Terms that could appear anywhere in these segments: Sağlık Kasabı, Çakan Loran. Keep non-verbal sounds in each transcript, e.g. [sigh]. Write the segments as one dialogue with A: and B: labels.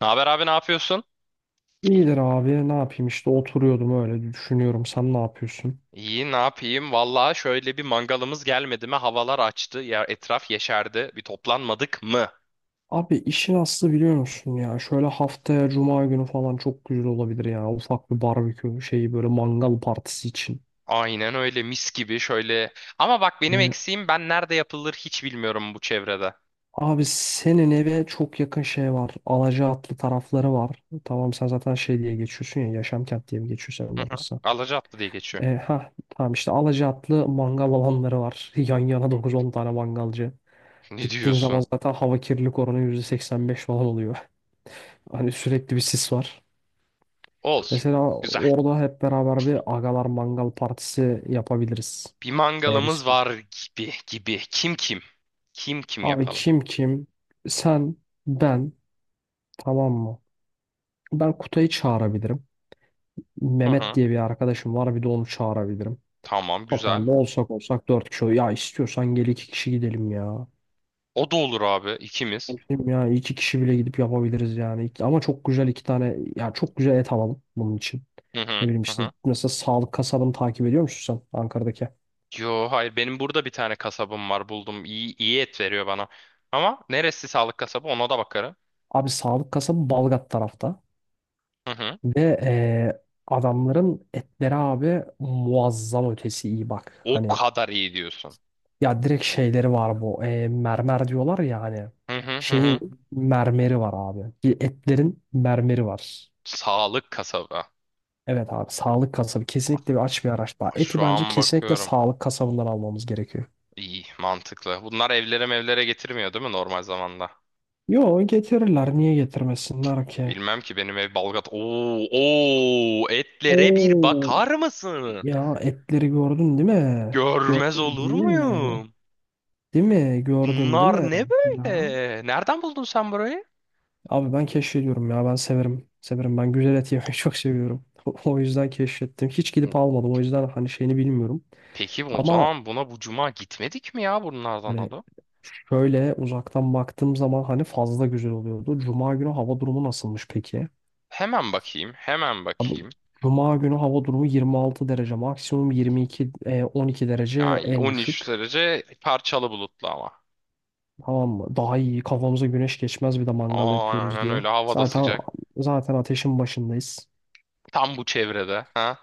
A: Ne haber abi ne yapıyorsun?
B: İyidir abi ne yapayım işte oturuyordum öyle düşünüyorum sen ne yapıyorsun?
A: İyi ne yapayım? Vallahi şöyle bir mangalımız gelmedi mi? Havalar açtı. Ya etraf yeşerdi. Bir toplanmadık mı?
B: Abi işin aslı biliyor musun ya şöyle haftaya cuma günü falan çok güzel olabilir ya ufak bir barbekü şeyi böyle mangal partisi için.
A: Aynen öyle mis gibi şöyle. Ama bak benim
B: Ve
A: eksiğim ben nerede yapılır hiç bilmiyorum bu çevrede.
B: abi senin eve çok yakın şey var Alacaatlı tarafları var. Tamam sen zaten şey diye geçiyorsun ya Yaşam Kent diye mi geçiyor senin
A: Hı hı.
B: orası?
A: Alacaatlı diye geçiyor.
B: Ha tamam işte Alacaatlı mangal alanları var [laughs] yan yana dokuz on tane mangalcı.
A: [laughs] Ne
B: Gittiğin zaman
A: diyorsun?
B: zaten hava kirlilik oranı %85 falan oluyor. Hani sürekli bir sis var.
A: Olur.
B: Mesela
A: Güzel.
B: orada hep beraber bir agalar mangal partisi yapabiliriz.
A: Bir
B: Eğer
A: mangalımız var
B: istiyorsan.
A: gibi gibi. Kim kim? Kim kim
B: Abi
A: yapalım?
B: kim kim? Sen, ben. Tamam mı? Ben Kutay'ı çağırabilirim.
A: Hı
B: Mehmet
A: hı.
B: diye bir arkadaşım var. Bir de onu çağırabilirim.
A: Tamam güzel.
B: Totalde olsak olsak dört kişi. Ya istiyorsan gel iki kişi gidelim ya.
A: O da olur abi ikimiz.
B: Ben dedim ya iki kişi bile gidip yapabiliriz yani. Ama çok güzel iki tane ya çok güzel et alalım bunun için.
A: Hı
B: Ne
A: hı.
B: bileyim
A: Hı
B: işte
A: hı.
B: mesela Sağlık Kasabı'nı takip ediyor musun sen Ankara'daki?
A: Yo hayır benim burada bir tane kasabım var buldum. İyi, iyi et veriyor bana. Ama neresi sağlık kasabı ona da bakarım.
B: Abi sağlık kasabı Balgat tarafta.
A: Hı hı.
B: Ve adamların etleri abi muazzam ötesi iyi bak.
A: O
B: Hani
A: kadar iyi diyorsun.
B: ya direkt şeyleri var bu. Mermer diyorlar ya hani.
A: Hı hı hı
B: Şeyin
A: hı.
B: mermeri var abi. Etlerin mermeri var.
A: Sağlık kasabı.
B: Evet abi sağlık kasabı kesinlikle bir aç bir araştırma.
A: Aa,
B: Eti
A: şu
B: bence
A: an
B: kesinlikle
A: bakıyorum.
B: sağlık kasabından almamız gerekiyor.
A: İyi mantıklı. Bunlar evlere mevlere getirmiyor değil mi normal zamanda?
B: Yo, getirirler. Niye getirmesinler ki?
A: Bilmem ki benim ev Balgat. Oo, oo, etlere bir
B: Oo,
A: bakar mısın?
B: ya etleri gördün değil mi?
A: Görmez
B: Gördün
A: olur
B: değil mi?
A: muyum?
B: Değil mi? Gördün değil mi?
A: Bunlar ne böyle?
B: Ya.
A: Nereden buldun sen burayı?
B: Abi ben keşfediyorum ya. Ben severim. Severim. Ben güzel et yemeyi [laughs] çok seviyorum. O yüzden keşfettim. Hiç gidip almadım. O yüzden hani şeyini bilmiyorum.
A: Peki o
B: Ama
A: zaman buna bu cuma gitmedik mi ya bunlardan
B: hani
A: alıp?
B: şöyle uzaktan baktığım zaman hani fazla güzel oluyordu. Cuma günü hava durumu nasılmış peki?
A: Hemen bakayım, hemen
B: Abi
A: bakayım.
B: Cuma günü hava durumu 26 derece. Maksimum 22, 12 derece
A: Yani
B: en
A: 13
B: düşük.
A: derece parçalı bulutlu ama.
B: Tamam mı? Daha iyi. Kafamıza güneş geçmez bir de mangal
A: Aa,
B: yapıyoruz
A: aynen
B: diye.
A: öyle hava da
B: Zaten
A: sıcak.
B: zaten ateşin başındayız.
A: Tam bu çevrede. Ha?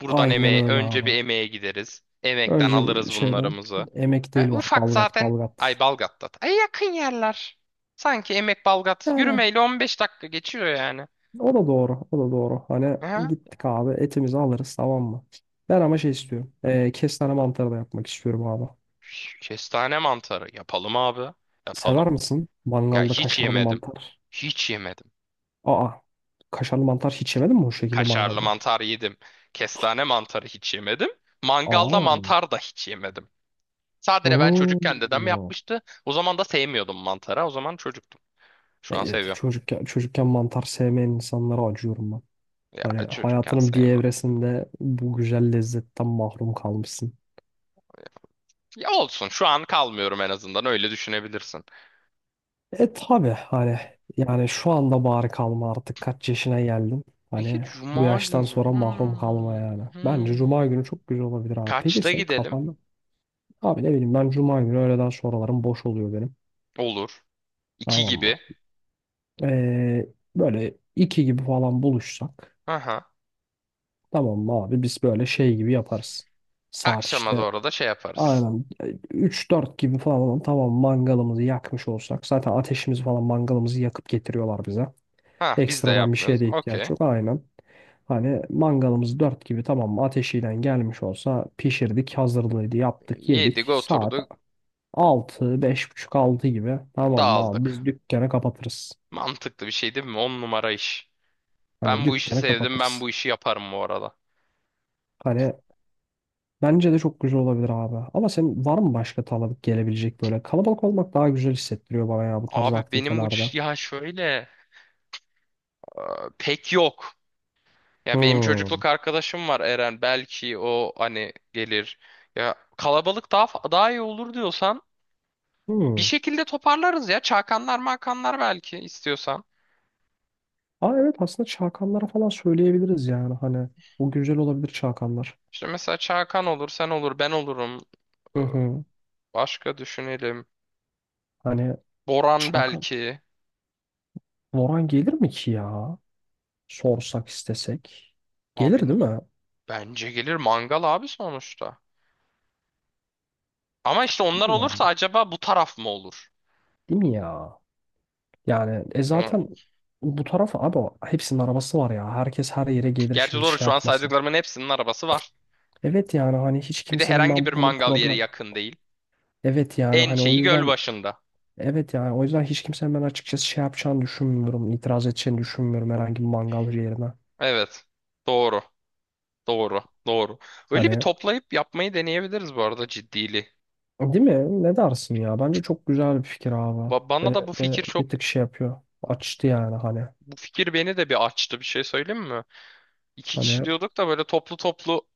A: Buradan
B: Aynen
A: emeğe,
B: öyle
A: önce
B: abi.
A: bir emeğe gideriz. Emekten
B: Önce bir
A: alırız
B: şeyden
A: bunlarımızı.
B: Emek
A: E,
B: değil bak,
A: ufak
B: Balgat
A: zaten. Ay
B: Balgat.
A: Balgat'ta. Ay yakın yerler. Sanki Emek Balgat
B: Yani
A: yürümeyle 15 dakika geçiyor yani.
B: o da doğru o da doğru. Hani
A: Ha?
B: gittik abi etimizi alırız tamam mı? Ben ama şey istiyorum. Kestane mantarı da yapmak istiyorum abi.
A: Kestane mantarı yapalım abi. Yapalım.
B: Sever misin
A: Ya
B: mangalda
A: hiç
B: kaşarlı
A: yemedim.
B: mantar?
A: Hiç yemedim.
B: Aa, kaşarlı mantar hiç yemedin mi o şekilde
A: Kaşarlı
B: mangalda?
A: mantar yedim. Kestane mantarı hiç yemedim. Mangalda
B: Aa.
A: mantar da hiç yemedim. Sadece ben çocukken dedem
B: Hmm.
A: yapmıştı. O zaman da sevmiyordum mantara. O zaman çocuktum. Şu an
B: Evet,
A: seviyorum.
B: çocukken, mantar sevmeyen insanlara acıyorum ben.
A: Ya
B: Hani
A: çocukken
B: hayatının bir
A: sevmiyorum.
B: evresinde bu güzel lezzetten mahrum kalmışsın.
A: Ya olsun. Şu an kalmıyorum en azından. Öyle düşünebilirsin.
B: E tabii hani yani şu anda bari kalma artık kaç yaşına geldim.
A: Peki
B: Hani bu
A: cuma
B: yaştan
A: günü.
B: sonra mahrum kalma
A: Hmm,
B: yani. Bence cuma
A: hmm.
B: günü çok güzel olabilir abi. Peki
A: Kaçta
B: senin
A: gidelim?
B: kafanda abi ne bileyim ben cuma günü öğleden sonralarım boş oluyor benim.
A: Olur. İki
B: Tamam mı?
A: gibi.
B: Ee, böyle iki gibi falan buluşsak
A: Aha.
B: tamam mı abi biz böyle şey gibi yaparız. Saat
A: Akşama
B: işte
A: doğru da şey yaparız.
B: aynen üç dört gibi falan tamam mangalımızı yakmış olsak zaten ateşimizi falan mangalımızı yakıp getiriyorlar bize.
A: Ha biz de
B: Ekstradan bir şeye
A: yapmıyoruz.
B: de ihtiyaç
A: Okey.
B: yok. Aynen. Hani mangalımız dört gibi tamam mı? Ateşiyle gelmiş olsa pişirdik, hazırlığıydı, yaptık,
A: Yedik
B: yedik. Saat
A: oturduk
B: altı, beş buçuk 6 gibi tamam mı abi? Biz
A: dağıldık.
B: dükkanı kapatırız.
A: Mantıklı bir şey değil mi? On numara iş.
B: Hani
A: Ben bu işi
B: dükkanı
A: sevdim ben
B: kapatırız.
A: bu işi yaparım bu arada.
B: Hani bence de çok güzel olabilir abi. Ama senin var mı başka taladık gelebilecek böyle? Kalabalık olmak daha güzel hissettiriyor bana ya bu tarz
A: Abi benim
B: aktivitelerde.
A: ya şöyle, e, pek yok. Ya benim
B: Hmm.
A: çocukluk arkadaşım var Eren belki o hani gelir. Ya kalabalık daha iyi olur diyorsan bir
B: Hmm.
A: şekilde toparlarız ya. Çakanlar makanlar belki istiyorsan.
B: Aa, evet aslında çakanlara falan söyleyebiliriz yani hani. Bu güzel olabilir çakanlar.
A: İşte mesela Çakan olur sen olur ben olurum. E,
B: Hı hı.
A: başka düşünelim.
B: Hani
A: Boran
B: Çakan
A: belki.
B: Loran gelir mi ki ya? Sorsak istesek. Gelir
A: Abi
B: değil mi?
A: bence gelir mangal abi sonuçta. Ama işte onlar
B: Ya.
A: olursa acaba bu taraf mı olur?
B: Değil mi ya? Yani
A: Hı.
B: zaten bu tarafa abi hepsinin arabası var ya. Herkes her yere gelir
A: Gerçi
B: şimdi
A: doğru
B: şey
A: şu an
B: yapmasın.
A: saydıklarımın hepsinin arabası var.
B: Evet yani hani hiç
A: Bir de
B: kimsenin
A: herhangi bir
B: ben bunu
A: mangal yeri
B: problem.
A: yakın değil.
B: Evet yani
A: En
B: hani o
A: şeyi göl
B: yüzden
A: başında.
B: evet yani o yüzden hiç kimsenin ben açıkçası şey yapacağını düşünmüyorum, itiraz edeceğini düşünmüyorum herhangi bir mangalcı yerine.
A: Evet. Doğru. Doğru. Doğru. Öyle bir
B: Hani
A: toplayıp yapmayı deneyebiliriz bu arada ciddili.
B: değil mi? Ne dersin ya? Bence çok güzel bir fikir abi.
A: Bana da
B: Ve,
A: bu
B: ve
A: fikir çok,
B: bir tık şey yapıyor. Açtı yani hani.
A: bu fikir beni de bir açtı, bir şey söyleyeyim mi? İki kişi
B: Hani
A: diyorduk da böyle toplu toplu.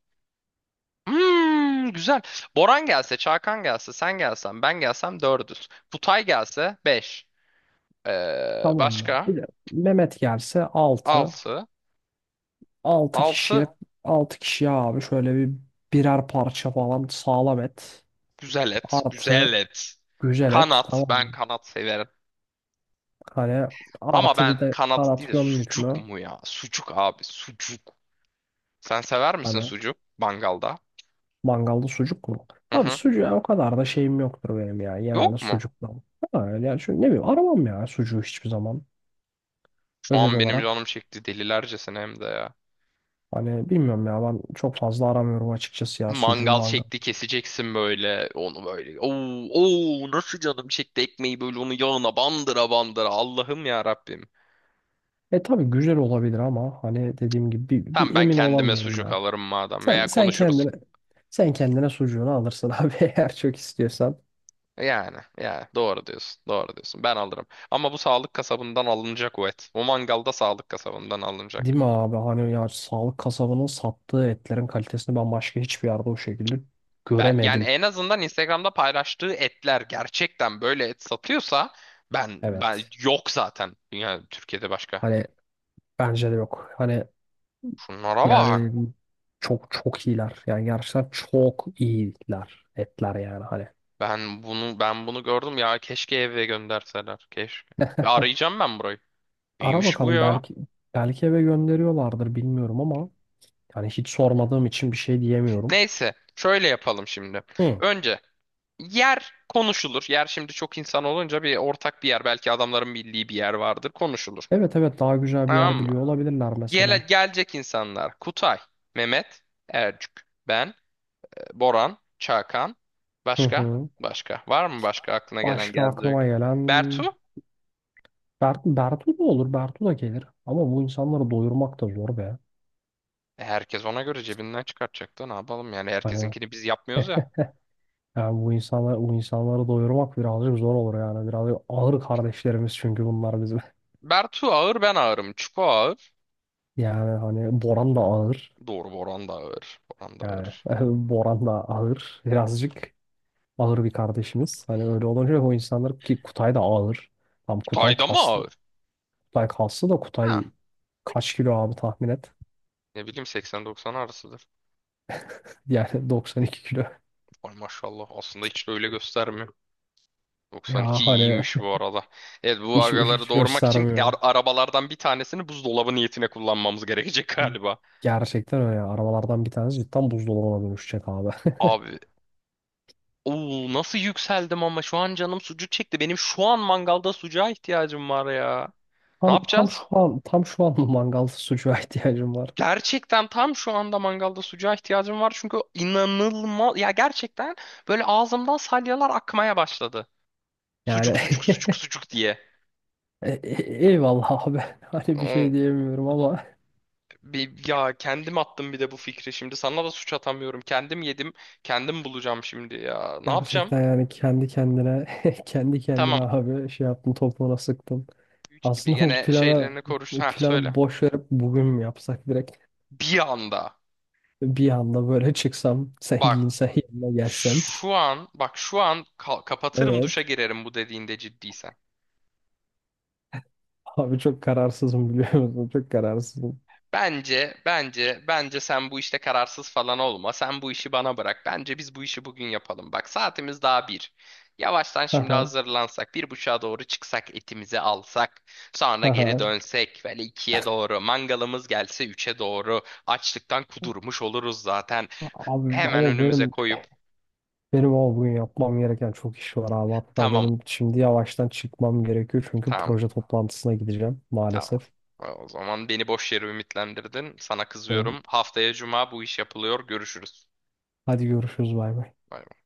A: Hmm, güzel. Boran gelse, Çakan gelse, sen gelsen, ben gelsem dördüz. Kutay gelse 5.
B: tamam mı?
A: Başka?
B: Bir de Mehmet gelse altı,
A: Altı.
B: altı
A: Altı
B: kişiye 6 kişiye abi şöyle bir birer parça falan sağlam et.
A: güzel et. Güzel
B: Artı
A: et.
B: güzel et
A: Kanat.
B: tamam
A: Ben
B: mı?
A: kanat severim.
B: Hani
A: Ama
B: artı
A: ben
B: bir de
A: kanat değil
B: kanat
A: de
B: gömdük
A: sucuk
B: mü?
A: mu ya? Sucuk abi. Sucuk. Sen sever misin
B: Hani
A: sucuk? Mangalda.
B: mangalda sucuk mu?
A: Hı
B: Abi
A: hı.
B: sucuğa o kadar da şeyim yoktur benim ya. Genelde
A: Yok mu?
B: sucukla. Ha, yani şu ne bileyim aramam ya sucuğu hiçbir zaman.
A: Şu
B: Özel
A: an benim canım
B: olarak.
A: çekti delilercesine hem de ya.
B: Hani bilmiyorum ya ben çok fazla aramıyorum açıkçası ya sucuğu
A: Mangal
B: mangal.
A: şekli keseceksin böyle. Onu böyle. Oo, oo, nasıl canım çekti ekmeği böyle onu yağına bandıra bandıra. Allah'ım ya Rabbim.
B: E tabii güzel olabilir ama hani dediğim gibi bir,
A: Tamam
B: bir
A: ben
B: emin
A: kendime
B: olamıyorum
A: sucuk
B: ya.
A: alırım madem.
B: Sen
A: Veya
B: sen
A: konuşuruz.
B: kendine sen kendine sucuğunu alırsın [laughs] abi eğer çok istiyorsan.
A: Yani, yani doğru diyorsun, doğru diyorsun. Ben alırım. Ama bu sağlık kasabından alınacak o et. O mangalda sağlık kasabından alınacak.
B: Değil mi abi? Hani ya sağlık kasabının sattığı etlerin kalitesini ben başka hiçbir yerde o şekilde
A: Ben yani
B: göremedim.
A: en azından Instagram'da paylaştığı etler gerçekten böyle et satıyorsa ben
B: Evet.
A: yok zaten. Yani Türkiye'de başka.
B: Hani bence de yok. Hani
A: Şunlara bak.
B: yani çok çok iyiler. Yani gerçekten çok iyiler etler yani hani.
A: Ben bunu gördüm ya keşke eve gönderseler. Keşke. Ya arayacağım ben burayı.
B: Ara
A: Neymiş bu
B: bakalım
A: ya?
B: belki eve gönderiyorlardır bilmiyorum ama yani hiç sormadığım için bir şey diyemiyorum.
A: Neyse, şöyle yapalım şimdi.
B: Hı.
A: Önce yer konuşulur. Yer şimdi çok insan olunca bir ortak bir yer. Belki adamların bildiği bir yer vardır. Konuşulur.
B: Evet, evet, daha güzel bir
A: Tamam
B: yer
A: mı?
B: biliyor olabilirler mesela.
A: Gelecek insanlar: Kutay, Mehmet, Ercük, ben, Boran, Çakan.
B: Hı
A: Başka?
B: hı.
A: Başka. Var mı başka aklına gelen
B: Başka aklıma
A: gelecek?
B: gelen
A: Bertu?
B: Bertu da olur, Bertu da gelir. Ama bu insanları doyurmak da zor be.
A: E, herkes ona göre cebinden çıkartacak da ne yapalım yani
B: Hani
A: herkesinkini biz yapmıyoruz ya.
B: yani bu insanları doyurmak birazcık zor olur yani. Birazcık ağır kardeşlerimiz çünkü bunlar bizim. [laughs]
A: Bertu ağır, ben ağırım. Çuko ağır.
B: Yani hani Boran da ağır.
A: Doğru, Boran da ağır. Boran da
B: Yani
A: ağır.
B: [laughs] Boran da ağır birazcık, ağır bir kardeşimiz. Hani öyle olunca o insanlar ki Kutay da ağır. Tam Kutay
A: Kutay da mı
B: kaslı.
A: ağır?
B: Kutay kaslı da
A: Ha.
B: Kutay kaç kilo abi tahmin et.
A: Ne bileyim 80-90 arasıdır.
B: [laughs] Yani 92 kilo.
A: Ay maşallah aslında hiç de öyle göstermiyor.
B: Ya
A: 92
B: hani
A: iyiymiş bu arada. Evet bu
B: hiç,
A: agaları
B: hiç
A: doğurmak için
B: göstermiyor.
A: arabalardan bir tanesini buzdolabı niyetine kullanmamız gerekecek [laughs] galiba.
B: Gerçekten öyle. Arabalardan bir tanesi cidden buzdolabına dönüşecek abi.
A: Abi oo, nasıl yükseldim ama, şu an canım sucuk çekti. Benim şu an mangalda sucuğa ihtiyacım var ya.
B: [laughs]
A: Ne
B: Tam, tam
A: yapacağız?
B: şu an tam şu an bu mangal sucuğa [laughs] ihtiyacım var.
A: Gerçekten tam şu anda mangalda sucuğa ihtiyacım var çünkü inanılmaz ya, gerçekten böyle ağzımdan salyalar akmaya başladı.
B: Yani
A: Sucuk sucuk sucuk
B: [laughs]
A: sucuk diye.
B: eyvallah abi. [laughs] Hani bir şey diyemiyorum ama
A: Bir, ya kendim attım bir de bu fikri şimdi. Sana da suç atamıyorum. Kendim yedim. Kendim bulacağım şimdi ya. Ne yapacağım?
B: gerçekten yani kendi kendine [laughs] kendi
A: Tamam.
B: kendine abi şey yaptım topuğuna sıktım.
A: 3 gibi
B: Aslında bu
A: gene şeylerini koruş. Ha söyle.
B: planı boş verip bugün mü yapsak direkt
A: Bir anda.
B: bir anda böyle çıksam [laughs] sen
A: Bak
B: giyinsen yanına gelsem.
A: şu an, bak şu an kapatırım
B: Evet.
A: duşa girerim bu dediğinde ciddiysen.
B: Abi çok kararsızım biliyor musun? Çok kararsızım.
A: Bence, bence, bence sen bu işte kararsız falan olma. Sen bu işi bana bırak. Bence biz bu işi bugün yapalım. Bak saatimiz daha bir. Yavaştan şimdi
B: Haha.
A: hazırlansak, bir buçuğa doğru çıksak, etimizi alsak, sonra geri
B: Haha.
A: dönsek, böyle ikiye doğru, mangalımız gelse üçe doğru, açlıktan kudurmuş oluruz zaten.
B: Abi
A: Hemen
B: ama
A: önümüze
B: benim
A: koyup,
B: benim ama bugün yapmam gereken çok iş var abi. Hatta
A: tamam,
B: benim şimdi yavaştan çıkmam gerekiyor çünkü
A: tamam,
B: proje toplantısına gideceğim
A: tamam.
B: maalesef.
A: O zaman beni boş yere ümitlendirdin, sana
B: Ee,
A: kızıyorum. Haftaya cuma bu iş yapılıyor, görüşürüz.
B: Hadi görüşürüz bay bay.
A: Bay bay.